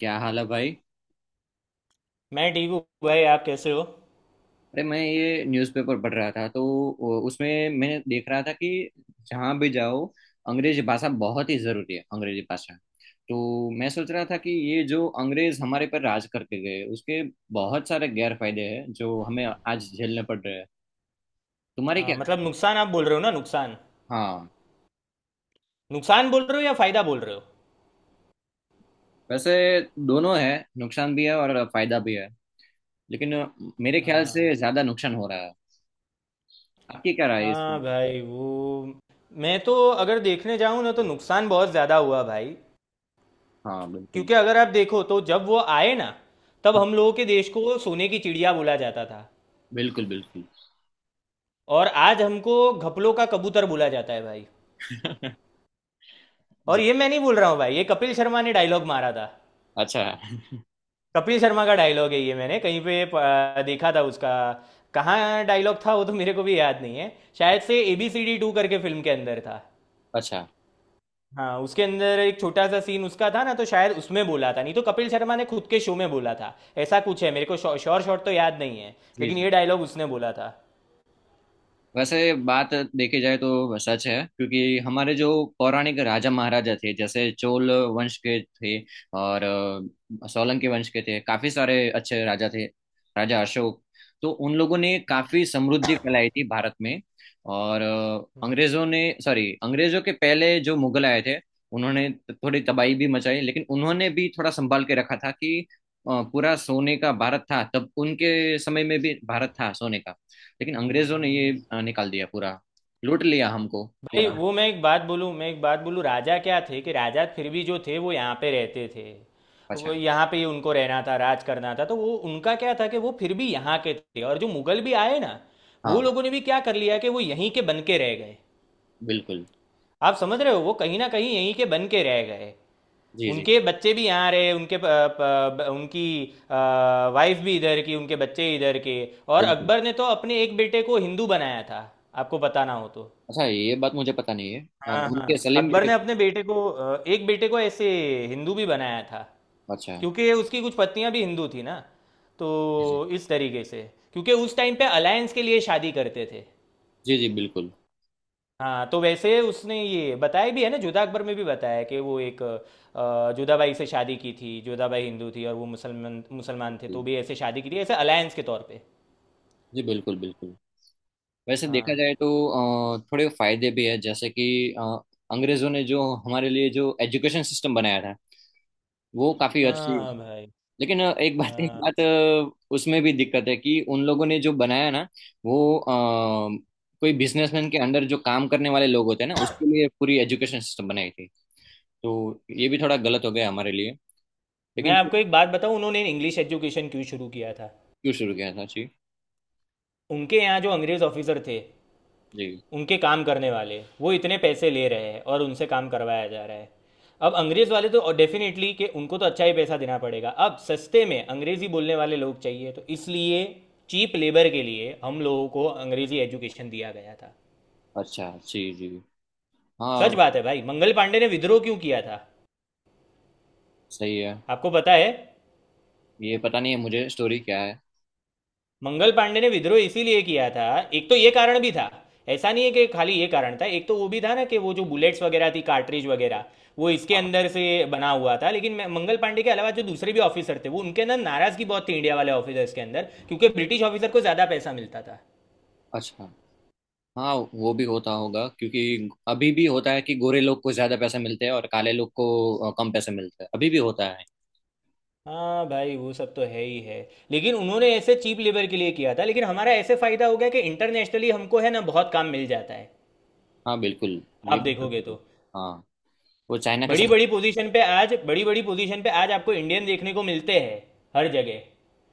क्या हाल है भाई। मैं ठीक हूँ भाई। आप कैसे हो? अरे मैं ये न्यूज़पेपर पढ़ रहा था तो उसमें मैंने देख रहा था कि जहाँ भी जाओ अंग्रेजी भाषा बहुत ही ज़रूरी है अंग्रेजी भाषा। तो मैं सोच रहा था कि ये जो अंग्रेज हमारे पर राज करके गए उसके बहुत सारे गैर फायदे हैं जो हमें आज झेलने पड़ रहे हैं। तुम्हारी क्या हाँ, राय मतलब है? नुकसान आप बोल रहे हो ना। नुकसान हाँ। नुकसान बोल रहे हो या फायदा बोल रहे हो? वैसे दोनों है। नुकसान भी है और फायदा भी है लेकिन मेरे ख्याल से हाँ। ज़्यादा नुकसान हो रहा है। आपकी क्या राय है इसकी? हाँ भाई वो मैं तो अगर देखने जाऊँ ना तो नुकसान बहुत ज़्यादा हुआ भाई। हाँ बिल्कुल। क्योंकि अगर आप देखो तो जब वो आए ना तब हाँ हम लोगों के देश को सोने की चिड़िया बोला जाता था। बिल्कुल बिल्कुल। और आज हमको घपलों का कबूतर बोला जाता है भाई। और जी। ये मैं नहीं बोल रहा हूँ भाई, ये कपिल शर्मा ने डायलॉग मारा था। अच्छा। कपिल शर्मा का डायलॉग है ये। मैंने कहीं पे देखा था उसका। कहाँ डायलॉग था वो तो मेरे को भी याद नहीं है। शायद से ABCD 2 करके फिल्म के अंदर था। अच्छा हाँ, उसके अंदर एक छोटा सा सीन उसका था ना, तो शायद उसमें बोला था, नहीं तो कपिल शर्मा ने खुद के शो में बोला था। ऐसा कुछ है, मेरे को श्योर शॉट तो याद नहीं है। जी लेकिन जी। ये डायलॉग उसने बोला था। वैसे बात देखी जाए तो सच है क्योंकि हमारे जो पौराणिक राजा महाराजा थे जैसे चोल वंश के थे और सोलंकी वंश के थे। काफी सारे अच्छे राजा थे, राजा अशोक। तो उन लोगों ने हम्म काफी समृद्धि फैलाई थी भारत में। और हम्म अंग्रेजों ने सॉरी, अंग्रेजों के पहले जो मुगल आए थे उन्होंने थोड़ी तबाही भी मचाई लेकिन उन्होंने भी थोड़ा संभाल के रखा था कि पूरा सोने का भारत था। तब उनके समय में भी भारत था सोने का, लेकिन हम्म अंग्रेजों ने ये हम्म। निकाल दिया पूरा, लूट लिया हमको भाई पूरा। वो मैं एक बात बोलूँ, मैं एक बात बोलूँ, राजा क्या थे कि राजा फिर भी जो थे वो यहाँ पे रहते थे। वो अच्छा। यहाँ पे ही उनको रहना था, राज करना था, तो वो उनका क्या था कि वो फिर भी यहाँ के थे। और जो मुगल भी आए ना, वो हाँ लोगों ने भी क्या कर लिया कि वो यहीं के बन के रह गए। बिल्कुल। आप समझ रहे हो, वो कहीं ना कहीं यहीं के बन के रह गए। जी जी उनके बच्चे भी यहाँ रहे, उनके प, प, ब- उनकी वाइफ भी इधर की, उनके बच्चे इधर के। और बिल्कुल। अकबर ने तो अपने एक बेटे को हिंदू बनाया था। आपको बताना हो तो, अच्छा ये बात मुझे पता नहीं है। हाँ हाँ, उनके सलीम अकबर ने जगह। अपने बेटे को एक बेटे को ऐसे हिंदू भी बनाया था। अच्छा। क्योंकि उसकी कुछ पत्नियां भी हिंदू थी ना, जी तो इस तरीके से। क्योंकि उस टाइम पे अलायंस के लिए शादी करते थे। जी। जी बिल्कुल। हाँ तो वैसे उसने ये बताया भी है ना, जोधा अकबर में भी बताया है कि वो एक जोधाबाई से शादी की थी। जोधाबाई हिंदू थी और वो मुसलमान मुसलमान थे, तो जी भी ऐसे शादी की थी, ऐसे अलायंस के तौर पे। जी, बिल्कुल बिल्कुल। वैसे देखा हाँ जाए तो थोड़े फायदे भी है जैसे कि अंग्रेजों ने जो हमारे लिए जो एजुकेशन सिस्टम बनाया था वो काफी अच्छी। हाँ भाई। लेकिन एक बात एक हाँ, बात उसमें भी दिक्कत है कि उन लोगों ने जो बनाया ना वो कोई बिजनेसमैन के अंडर जो काम करने वाले लोग होते हैं ना उसके लिए पूरी एजुकेशन सिस्टम बनाई थी। तो ये भी थोड़ा गलत हो गया हमारे लिए। मैं लेकिन जो आपको एक बात बताऊं, उन्होंने इंग्लिश एजुकेशन क्यों शुरू किया था। क्यों शुरू किया था जी। उनके यहाँ जो अंग्रेज ऑफिसर थे, जी। उनके काम करने वाले वो इतने पैसे ले रहे हैं और उनसे काम करवाया जा रहा है। अब अंग्रेज़ वाले तो डेफिनेटली कि उनको तो अच्छा ही पैसा देना पड़ेगा, अब सस्ते में अंग्रेज़ी बोलने वाले लोग चाहिए, तो इसलिए चीप लेबर के लिए हम लोगों को अंग्रेज़ी एजुकेशन दिया गया था। अच्छा जी जी। हाँ। सच बात है भाई। मंगल पांडे ने विद्रोह क्यों किया था सही है। आपको पता है? ये पता नहीं है मुझे, स्टोरी क्या है? मंगल पांडे ने विद्रोह इसीलिए किया था, एक तो ये कारण भी था। ऐसा नहीं है कि खाली ये कारण था, एक तो वो भी था ना, कि वो जो बुलेट्स वगैरह थी, कार्ट्रिज वगैरह, वो इसके हाँ। अंदर से बना हुआ था। लेकिन मंगल पांडे के अलावा जो दूसरे भी ऑफिसर थे, वो उनके अंदर नाराजगी बहुत थी, इंडिया वाले ऑफिसर्स के अंदर, क्योंकि ब्रिटिश ऑफिसर को ज़्यादा पैसा मिलता था। अच्छा। हाँ वो भी होता होगा क्योंकि अभी भी होता है कि गोरे लोग को ज्यादा पैसे मिलते हैं और काले लोग को कम पैसे मिलते हैं, अभी भी होता है। हाँ भाई वो सब तो है ही है। लेकिन उन्होंने ऐसे चीप लेबर के लिए किया था, लेकिन हमारा ऐसे फायदा हो गया कि इंटरनेशनली हमको है ना बहुत काम मिल जाता है। हाँ बिल्कुल। आप ये बिल्कुल देखोगे सही है। तो हाँ वो चाइना के बड़ी साथ। बड़ी पोजीशन पे आज, बड़ी बड़ी पोजीशन पे आज आपको इंडियन देखने को मिलते हैं हर जगह,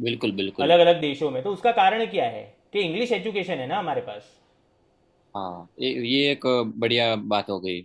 बिल्कुल बिल्कुल। अलग अलग देशों में। तो उसका कारण क्या है? कि इंग्लिश एजुकेशन है ना हमारे पास। हाँ ये एक बढ़िया बात हो गई।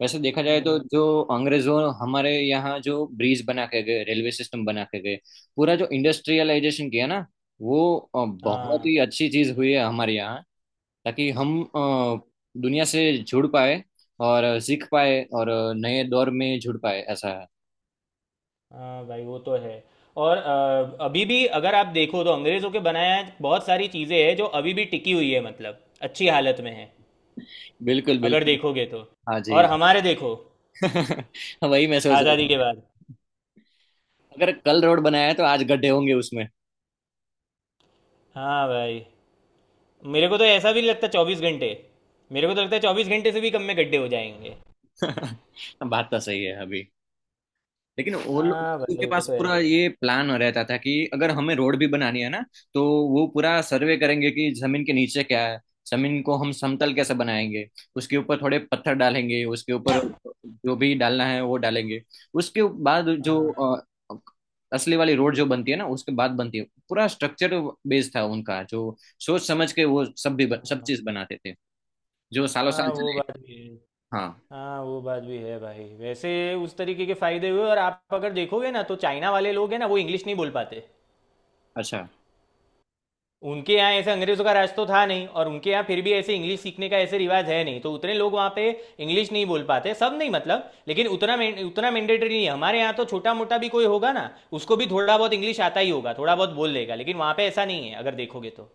वैसे देखा जाए तो हम्म। जो अंग्रेजों हमारे यहाँ जो ब्रिज बना के गए, रेलवे सिस्टम बना के गए, पूरा जो इंडस्ट्रियलाइजेशन किया ना वो बहुत हाँ ही अच्छी चीज हुई है हमारे यहाँ। ताकि हम दुनिया से जुड़ पाए और सीख पाए और नए दौर में जुड़ पाए, ऐसा है। हाँ भाई वो तो है। और अभी भी अगर आप देखो तो अंग्रेज़ों के बनाया बहुत सारी चीज़ें हैं जो अभी भी टिकी हुई है, मतलब अच्छी हालत में है, बिल्कुल अगर बिल्कुल। देखोगे तो। हाँ जी। और हमारे देखो, वही मैं सोच रहा आज़ादी के था, बाद, अगर कल रोड बनाया है तो आज गड्ढे होंगे उसमें। हाँ भाई, मेरे को तो ऐसा भी नहीं लगता 24 घंटे। मेरे को तो लगता है 24 घंटे से भी कम में गड्ढे हो जाएंगे। बात तो सही है। अभी लेकिन वो लोग, हाँ उनके भाई वो पास तो है। पूरा ये प्लान रहता था कि अगर हमें रोड भी बनानी है ना तो वो पूरा सर्वे करेंगे कि जमीन के नीचे क्या है, जमीन को हम समतल कैसे हम्म, बनाएंगे, उसके ऊपर थोड़े पत्थर डालेंगे, उसके ऊपर जो भी डालना है वो डालेंगे, उसके बाद जो हाँ असली वाली रोड जो बनती है ना उसके बाद बनती है। पूरा स्ट्रक्चर बेस्ड था उनका, जो सोच समझ के वो सब भी सब हाँ चीज बनाते थे जो सालों साल हाँ वो चले। बात भी है। हाँ। हाँ वो बात भी है भाई। वैसे उस तरीके के फायदे हुए, और आप अगर देखोगे ना तो चाइना वाले लोग हैं ना, वो इंग्लिश नहीं बोल पाते। अच्छा। उनके यहाँ ऐसे अंग्रेजों का राज तो था नहीं, और उनके यहाँ फिर भी ऐसे इंग्लिश सीखने का ऐसे रिवाज है नहीं, तो उतने लोग वहाँ पे इंग्लिश नहीं बोल पाते, सब नहीं मतलब, लेकिन उतना मैंडेटरी नहीं है। हमारे यहाँ तो छोटा मोटा भी कोई होगा ना, उसको भी थोड़ा बहुत इंग्लिश आता ही होगा, थोड़ा बहुत बोल लेगा, लेकिन वहाँ पे ऐसा नहीं है अगर देखोगे तो।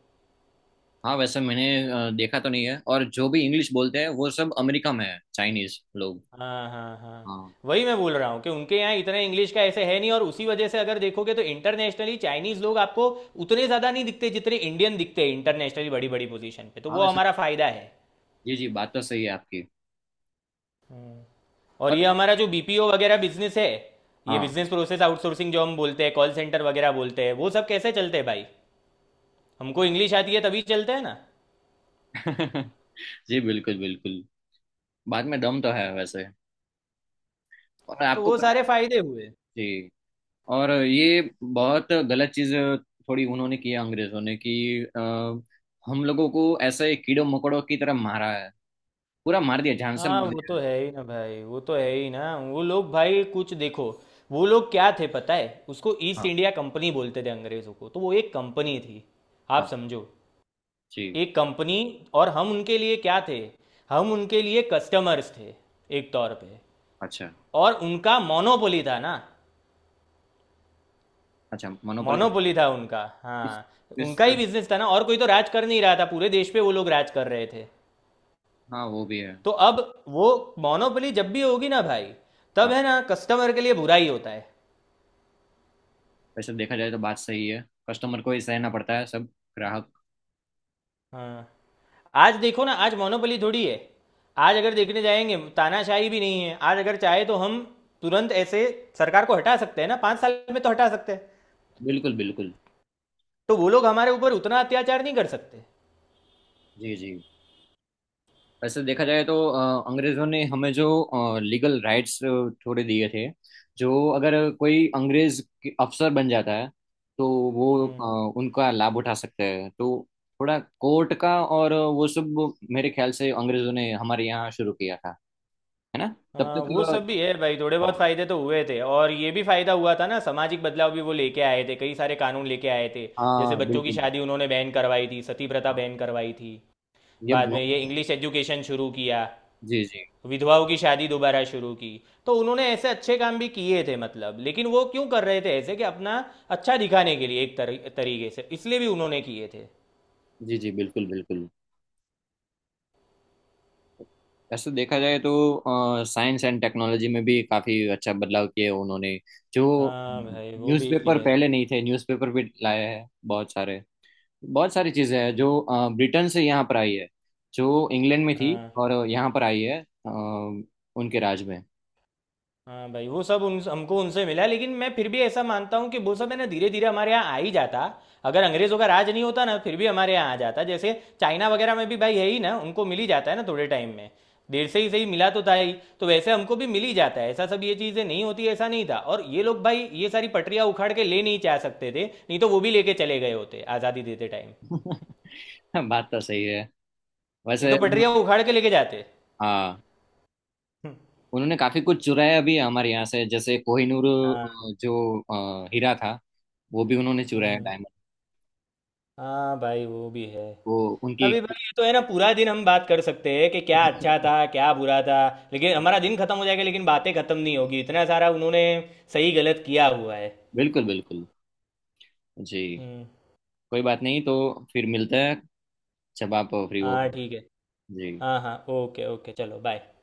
हाँ वैसे मैंने देखा तो नहीं है, और जो भी इंग्लिश बोलते हैं वो सब अमेरिका में है, चाइनीज लोग। हाँ हाँ हाँ। हाँ। वही मैं बोल रहा हूँ कि उनके यहाँ इतना इंग्लिश का ऐसे है नहीं, और उसी वजह से अगर देखोगे तो इंटरनेशनली चाइनीज लोग आपको उतने ज़्यादा नहीं दिखते जितने इंडियन दिखते हैं इंटरनेशनली बड़ी बड़ी पोजीशन पे, तो हाँ वो वैसे हमारा फ़ायदा है। जी जी, बात तो सही है आपकी। और ये और हमारा जो बीपीओ वगैरह बिजनेस है, ये हाँ। बिजनेस प्रोसेस आउटसोर्सिंग जो हम बोलते हैं, कॉल सेंटर वगैरह बोलते हैं, वो सब कैसे चलते हैं भाई? हमको इंग्लिश आती है तभी चलते हैं ना। जी बिल्कुल बिल्कुल। बात में दम तो है वैसे। और तो आपको वो पता है? सारे फ़ायदे हुए। जी। और ये बहुत गलत चीज थोड़ी उन्होंने की है अंग्रेजों ने कि अ, हम लोगों को ऐसे कीड़ों मकोड़ों की तरह मारा है, पूरा मार दिया, जान से हाँ मार वो दिया तो है। है ही ना भाई, वो तो है ही ना। वो लोग भाई कुछ देखो, वो लोग क्या थे पता है? उसको ईस्ट हाँ। इंडिया कंपनी बोलते थे, अंग्रेज़ों को, तो वो एक कंपनी थी। आप हाँ। समझो, जी। एक कंपनी। और हम उनके लिए क्या थे? हम उनके लिए कस्टमर्स थे, एक तौर पे। अच्छा। और उनका मोनोपोली था ना, अच्छा मोनोपोली। मोनोपोली था उनका, इस, हाँ। इस। उनका ही बिजनेस था ना, और कोई तो राज कर नहीं रहा था, पूरे देश पे वो लोग राज कर रहे थे। हाँ वो भी है। तो अब वो मोनोपोली जब भी होगी ना भाई, तब है ना कस्टमर के लिए बुरा ही होता है। वैसे तो देखा जाए तो बात सही है, कस्टमर को ही सहना पड़ता है सब, ग्राहक। हाँ। आज देखो ना, आज मोनोपोली थोड़ी है। आज अगर देखने जाएंगे, तानाशाही भी नहीं है। आज अगर चाहे तो हम तुरंत ऐसे सरकार को हटा सकते हैं ना, 5 साल में तो हटा सकते हैं। बिल्कुल बिल्कुल। तो वो लोग हमारे ऊपर उतना अत्याचार नहीं कर सकते। जी जी। वैसे देखा जाए तो अंग्रेजों ने हमें जो लीगल राइट्स थोड़े दिए थे, जो अगर कोई अंग्रेज के अफसर बन जाता है तो वो हम्म, उनका लाभ उठा सकते हैं। तो थोड़ा कोर्ट का और वो सब मेरे ख्याल से अंग्रेजों ने हमारे यहाँ शुरू किया था, है ना। तब हाँ वो सब भी तक। है भाई, थोड़े बहुत हाँ। फायदे तो हुए थे। और ये भी फायदा हुआ था ना, सामाजिक बदलाव भी वो लेके आए थे, कई सारे कानून लेके आए थे। जैसे हाँ बच्चों की बिल्कुल। शादी उन्होंने बैन करवाई थी, सती प्रथा बैन करवाई थी, ये बाद में ये बहुत। इंग्लिश एजुकेशन शुरू किया, जी जी। विधवाओं की शादी दोबारा शुरू की। तो उन्होंने ऐसे अच्छे काम भी किए थे मतलब, लेकिन वो क्यों कर रहे थे ऐसे, कि अपना अच्छा दिखाने के लिए एक तरीके से, इसलिए भी उन्होंने किए थे। जी जी बिल्कुल बिल्कुल। वैसे देखा जाए तो साइंस एंड टेक्नोलॉजी में भी काफी अच्छा बदलाव किए हैं उन्होंने। जो हाँ भाई वो भी न्यूज़पेपर है। पहले नहीं थे, न्यूज़पेपर भी लाए हैं बहुत सारे। बहुत सारी चीजें हैं हम्म, जो ब्रिटेन से यहाँ पर आई है, जो इंग्लैंड में थी हाँ और यहाँ पर आई है अ, उनके राज में। हाँ भाई वो सब उन हमको उनसे मिला, लेकिन मैं फिर भी ऐसा मानता हूँ कि वो सब है ना धीरे धीरे हमारे यहाँ आ ही जाता। अगर अंग्रेज़ों का राज नहीं होता ना, फिर भी हमारे यहाँ आ जाता। जैसे चाइना वगैरह में भी भाई है ही ना, उनको मिल ही जाता है ना थोड़े टाइम में, देर से ही सही मिला तो था ही। तो वैसे हमको भी मिल ही जाता है, ऐसा सब ये चीज़ें नहीं होती ऐसा नहीं था। और ये लोग भाई, ये सारी पटरियाँ उखाड़ के ले नहीं जा सकते थे, नहीं तो वो भी लेके चले गए होते आज़ादी देते टाइम। बात तो सही है। नहीं वैसे तो पटरियाँ उखाड़ के लेके जाते। हाँ, उन्होंने काफी कुछ चुराया भी है हमारे यहाँ से जैसे कोहिनूर हाँ। जो हीरा था, वो भी उन्होंने चुराया, हम्म। डायमंड। हाँ भाई वो भी है। वो उनकी। अभी भाई ये तो है ना, पूरा दिन हम बात कर सकते हैं कि क्या अच्छा था क्या बुरा था, लेकिन हमारा दिन खत्म हो जाएगा लेकिन बातें खत्म नहीं होगी, इतना सारा उन्होंने सही गलत किया हुआ है। बिल्कुल बिल्कुल। जी। हम्म। कोई बात नहीं तो, फिर मिलते हैं जब आप फ्री हो। हाँ ठीक है। जी। हाँ हाँ, ओके ओके, चलो बाय।